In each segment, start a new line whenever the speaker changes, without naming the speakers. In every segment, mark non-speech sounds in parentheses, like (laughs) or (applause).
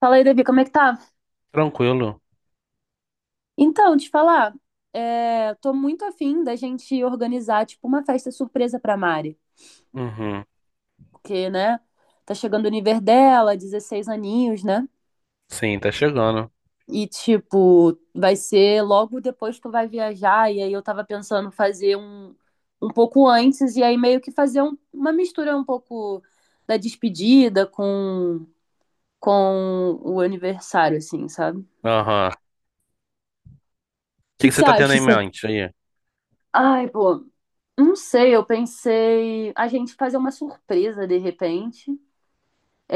Fala aí, Davi, como é que tá?
Tranquilo.
Então, te falar, tô muito afim da gente organizar, tipo, uma festa surpresa pra Mari.
Uhum.
Porque, né, tá chegando o nível dela, 16 aninhos, né?
Sim, tá chegando.
E, tipo, vai ser logo depois que tu vai viajar. E aí eu tava pensando fazer um pouco antes, e aí meio que fazer uma mistura um pouco da despedida com o aniversário, assim, sabe? O
Aham. O que
que
que
que
você
você
tá tendo
acha?
em mente aí?
Ai, pô, não sei, eu pensei a gente fazer uma surpresa de repente,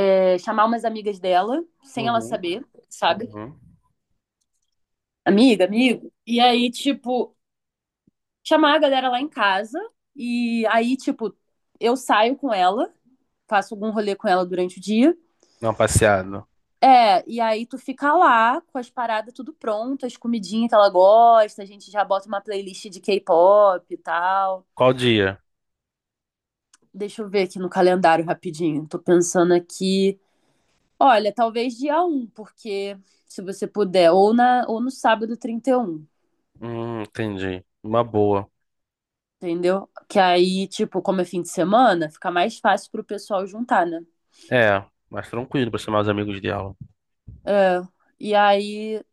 é, chamar umas amigas dela, sem ela
Uhum.
saber, sabe?
Uhum.
Amiga, amigo. E aí, tipo, chamar a galera lá em casa, e aí, tipo, eu saio com ela, faço algum rolê com ela durante o dia.
Não, passeado.
É, e aí tu fica lá com as paradas tudo pronto, as comidinhas que ela gosta, a gente já bota uma playlist de K-pop e tal.
Qual dia?
Deixa eu ver aqui no calendário rapidinho. Tô pensando aqui. Olha, talvez dia 1, porque se você puder, ou no sábado 31,
Entendi. Uma boa.
entendeu? Que aí, tipo, como é fim de semana, fica mais fácil pro pessoal juntar, né?
É, mais tranquilo pra chamar os amigos dela.
É, e aí, o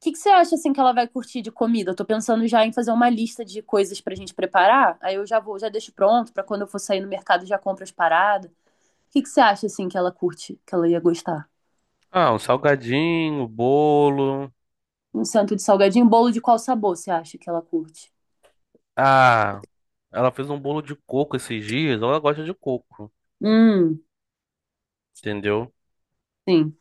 que que você acha, assim, que ela vai curtir de comida? Eu tô pensando já em fazer uma lista de coisas pra gente preparar, aí eu já vou, já deixo pronto pra quando eu for sair no mercado já compro as paradas. O que que você acha, assim, que ela curte, que ela ia gostar?
Ah, um salgadinho, um bolo.
Um centro de salgadinho, bolo de qual sabor você acha que ela curte?
Ah, ela fez um bolo de coco esses dias. Ela gosta de coco,
Hum,
entendeu?
sim.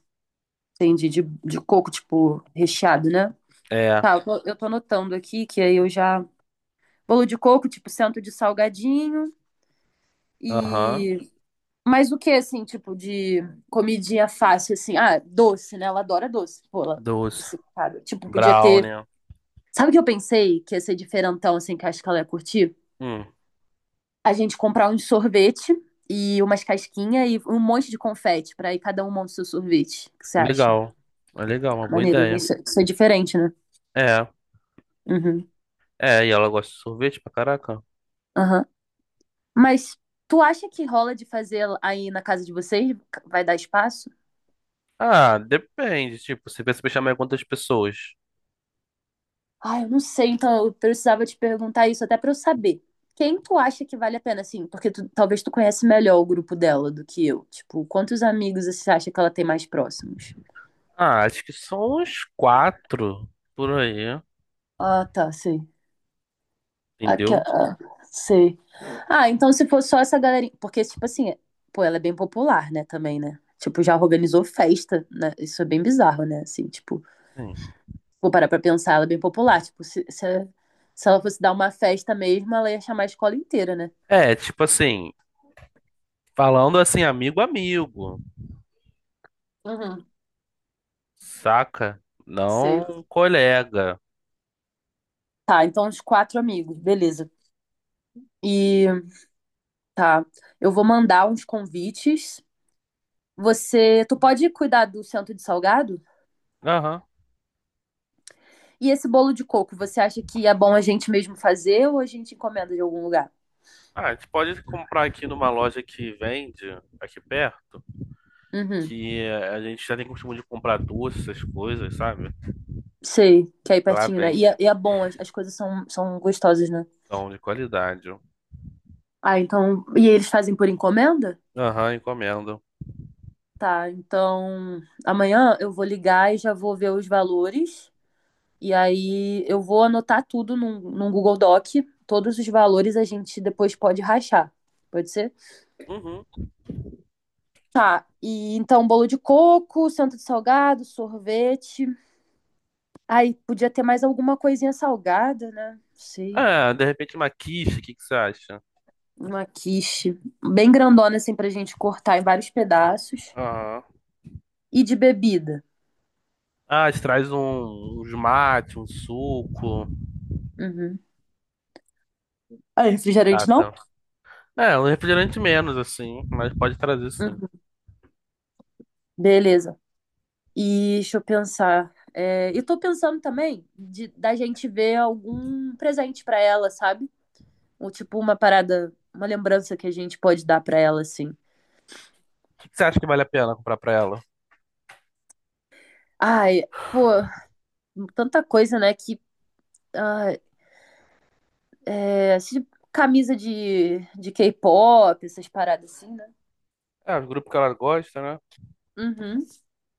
Entendi, de coco, tipo, recheado, né?
É,
Tá, eu tô anotando aqui que aí eu já. Bolo de coco, tipo, centro de salgadinho
aham,
e. Mas o que, assim, tipo, de comidinha fácil, assim? Ah, doce, né? Ela adora doce, pô, ela é
doce,
obcecada. Tipo, podia ter.
brownie.
Sabe o que eu pensei que ia ser diferentão, assim, que eu acho que ela ia curtir?
Hum,
A gente comprar um sorvete e umas casquinhas e um monte de confete pra ir cada um monta o seu sorvete. O que você acha?
legal. É legal, uma boa
Maneiro, né?
ideia.
Isso, é, isso é diferente, né?
É,
Uhum.
é, e ela gosta de sorvete pra caraca.
Aham. Mas tu acha que rola de fazer aí na casa de vocês? Vai dar espaço?
Ah, depende, tipo, você pensa em chamar quantas pessoas?
Ah, eu não sei, então eu precisava te perguntar isso até pra eu saber. Quem tu acha que vale a pena, assim? Porque tu- talvez tu conhece melhor o grupo dela do que eu. Tipo, quantos amigos você acha que ela tem mais próximos?
Ah, acho que são uns quatro por aí,
Ah, tá, sei. Aque-
entendeu?
ah, sei. Ah, então se for só essa galerinha. Porque, tipo assim, pô, ela é bem popular, né, também, né? Tipo, já organizou festa, né? Isso é bem bizarro, né? Assim, tipo.
Sim.
Vou parar pra pensar, ela é bem popular. Tipo, se ela fosse dar uma festa mesmo, ela ia chamar a escola inteira, né?
É, tipo assim, falando assim, amigo, amigo,
Uhum,
saca?
sei.
Não colega.
Tá, então uns quatro amigos, beleza. E tá, eu vou mandar uns convites. Você, tu pode cuidar do centro de salgado?
Aham.
E esse bolo de coco, você acha que é bom a gente mesmo fazer ou a gente encomenda de algum lugar?
Ah, a gente pode comprar aqui numa loja que vende aqui perto.
Uhum,
Que a gente já tem costume de comprar doce, essas coisas, sabe?
sei, que é aí
Lá
pertinho, né?
vende.
E é bom, as coisas são gostosas, né?
São de qualidade.
Ah, então. E eles fazem por encomenda?
Aham, encomenda.
Tá, então amanhã eu vou ligar e já vou ver os valores. E aí eu vou anotar tudo num Google Doc. Todos os valores a gente depois pode rachar. Pode ser?
Uhum.
Tá. E então, bolo de coco, centro de salgado, sorvete. Aí podia ter mais alguma coisinha salgada, né? Não sei.
Ah, de repente uma quiche, o que que você acha?
Uma quiche. Bem grandona, assim, pra gente cortar em vários pedaços.
Aham.
E de bebida.
Ah, te traz um, uns mate, um suco,
Uhum. Ah, refrigerante não?
saca? É, um refrigerante menos, assim, mas pode trazer sim. O
Uhum. Beleza. E deixa eu pensar. É, eu tô pensando também de, da gente ver algum presente pra ela, sabe? Ou tipo uma parada, uma lembrança que a gente pode dar pra ela, assim.
que que você acha que vale a pena comprar pra ela?
Ai, pô, tanta coisa, né? Que ah, assim, camisa de K-pop, essas paradas assim, né?
É, o grupo que ela gosta, né?
Uhum.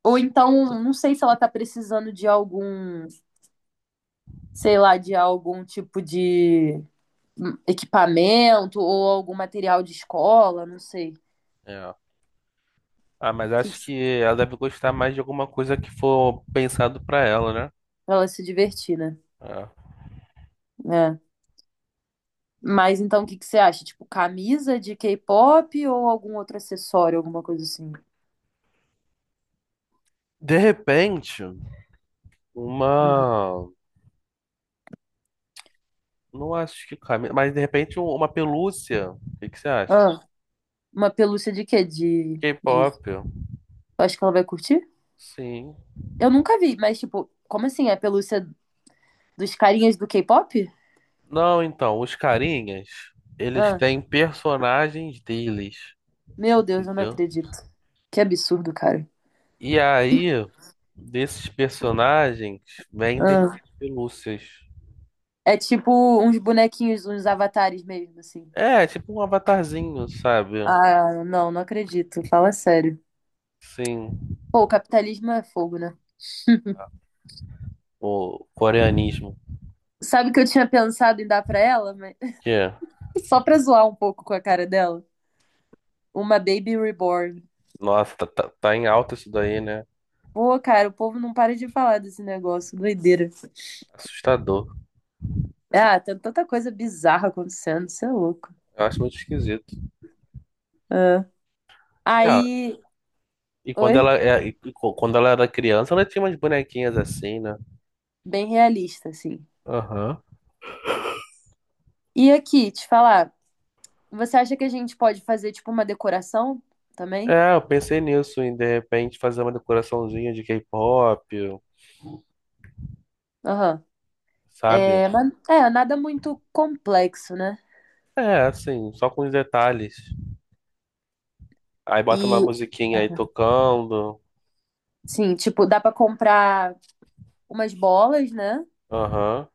Ou então, não sei se ela tá precisando de algum, sei lá, de algum tipo de equipamento ou algum material de escola, não sei.
É. Ah, mas
O que
acho que ela deve gostar mais de alguma coisa que for pensado pra ela, né?
Ela se divertir, né?
É.
É. Mas então o que que você acha? Tipo, camisa de K-pop ou algum outro acessório, alguma coisa assim?
De repente.
Uhum.
Uma. Não acho que cabe. Mas de repente um- uma pelúcia. O que que você acha?
Ah, uma pelúcia de quê?
K-pop.
Eu acho que ela vai curtir?
Sim.
Eu nunca vi, mas tipo, como assim? É pelúcia dos carinhas do K-pop?
Não, então, os carinhas, eles
Ah,
têm personagens deles,
meu Deus, eu não
entendeu?
acredito. Que absurdo, cara.
E aí, desses personagens, vendem
Ah,
as pelúcias.
é tipo uns bonequinhos, uns avatares mesmo, assim.
É, tipo um avatarzinho, sabe?
Ah, não, não acredito. Fala sério.
Sim,
Pô, o capitalismo é fogo, né?
o coreanismo.
Sabe que eu tinha pensado em dar pra ela,
Que é.
(laughs) só pra zoar um pouco com a cara dela. Uma Baby Reborn.
Nossa, tá em alta isso daí, né?
Pô, cara, o povo não para de falar desse negócio, doideira.
Assustador.
Ah, tem tanta coisa bizarra acontecendo, isso é louco.
Eu acho muito esquisito.
Ah.
É,
Aí,
e quando
oi,
ela, é, quando ela era criança, ela tinha umas bonequinhas assim, né?
bem realista, assim.
Aham.
E aqui, te falar, você acha que a gente pode fazer, tipo, uma decoração também?
É, eu pensei nisso, em de repente fazer uma decoraçãozinha de K-pop,
Aham.
sabe?
É, mas, é, nada muito complexo, né?
É, assim, só com os detalhes. Aí bota uma
E,
musiquinha aí tocando.
sim, tipo, dá pra comprar umas bolas, né?
Aham.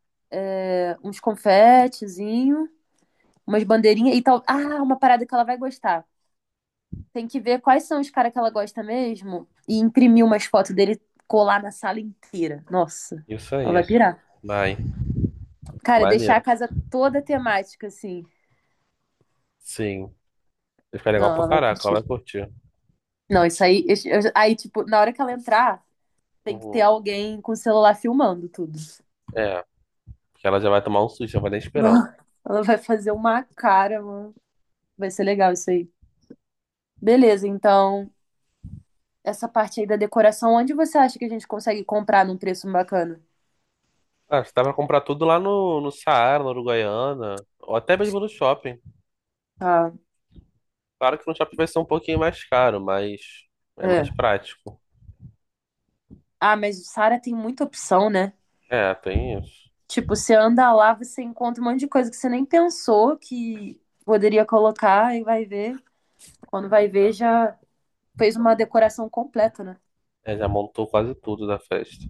Uns confetezinhos, umas bandeirinhas e tal. Ah, uma parada que ela vai gostar. Tem que ver quais são os caras que ela gosta mesmo e imprimir umas fotos dele colar na sala inteira. Nossa,
Isso
ela vai
aí.
pirar.
Vai. Tá
Cara, deixar a
maneiro.
casa toda temática, assim.
Sim. Vai ficar legal
Não, ela
pra
vai
caraca, ela vai
curtir.
curtir.
Não, isso aí. Aí, tipo, na hora que ela entrar, tem que ter
Uhum.
alguém com o celular filmando tudo.
É, porque ela já vai tomar um susto, já vai nem esperando.
Não, ela vai fazer uma cara, mano. Vai ser legal isso aí. Beleza, então, essa parte aí da decoração, onde você acha que a gente consegue comprar num preço bacana?
Ah, você dá pra comprar tudo lá no Saara, na Uruguaiana, ou até mesmo no shopping.
Ah,
Claro que no shopping vai ser um pouquinho mais caro, mas é mais
é.
prático.
Ah, mas o Sara tem muita opção, né?
É, tem isso.
Tipo, você anda lá, você encontra um monte de coisa que você nem pensou que poderia colocar e vai ver. Quando vai
É,
ver, já fez uma decoração completa, né?
Já montou quase tudo da festa.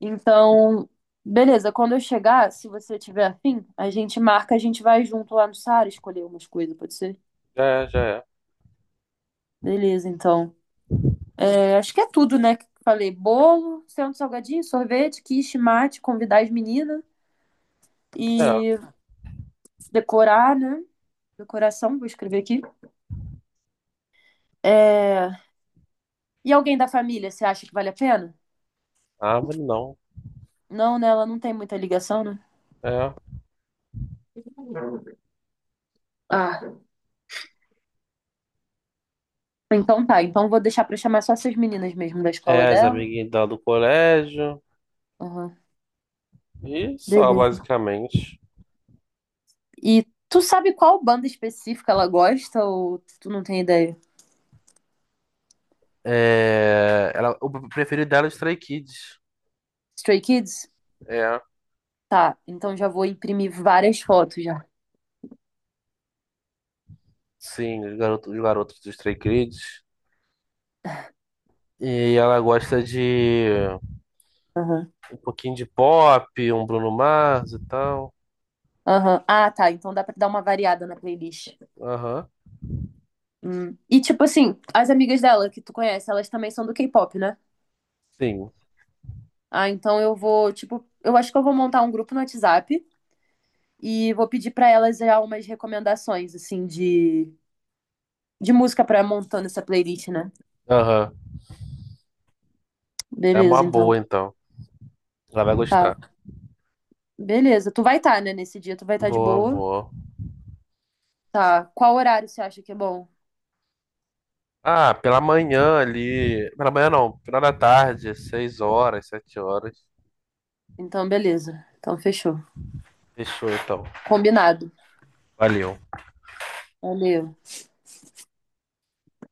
Então, beleza, quando eu chegar, se você tiver afim, a gente marca, a gente vai junto lá no Sara escolher umas coisas, pode ser?
Já é, já
Beleza, então. É, acho que é tudo, né? Que eu falei, bolo, centro salgadinho, sorvete, quiche, mate, convidar as meninas
é. É,
e decorar, né? Decoração, vou escrever aqui. É, e alguém da família, você acha que vale a pena?
árvore não.
Não, né? Ela não tem muita ligação, né?
É.
Ah, então tá. Então vou deixar pra chamar só essas meninas mesmo da escola
É, as
dela.
amiguinhas dela do colégio.
Aham.
E só,
Beleza.
basicamente.
E tu sabe qual banda específica ela gosta ou tu não tem ideia?
É, ela, o preferido dela é os Stray Kids.
Stray Kids?
É,
Tá, então já vou imprimir várias fotos já.
sim, os garotos dos Stray Kids. E ela gosta de
Aham.
um pouquinho de pop, um Bruno Mars e tal.
Aham. Ah, tá. Então dá pra dar uma variada na playlist.
Aham,
Hum. E tipo assim, as amigas dela que tu conhece, elas também são do K-pop, né?
sim.
Ah, então eu vou, tipo, eu acho que eu vou montar um grupo no WhatsApp e vou pedir pra elas já umas recomendações, assim, de música pra montando essa playlist, né?
Aham. É
Beleza,
uma
então.
boa, então. Ela vai gostar.
Tá. Beleza. Tu vai estar, tá, né? Nesse dia tu vai estar de
Boa,
boa.
boa.
Tá. Qual horário você acha que é bom?
Ah, pela manhã ali. Pela manhã não, final da tarde, 6 horas, 7 horas.
Então, beleza. Então, fechou.
Fechou, então.
Combinado.
Valeu.
Valeu.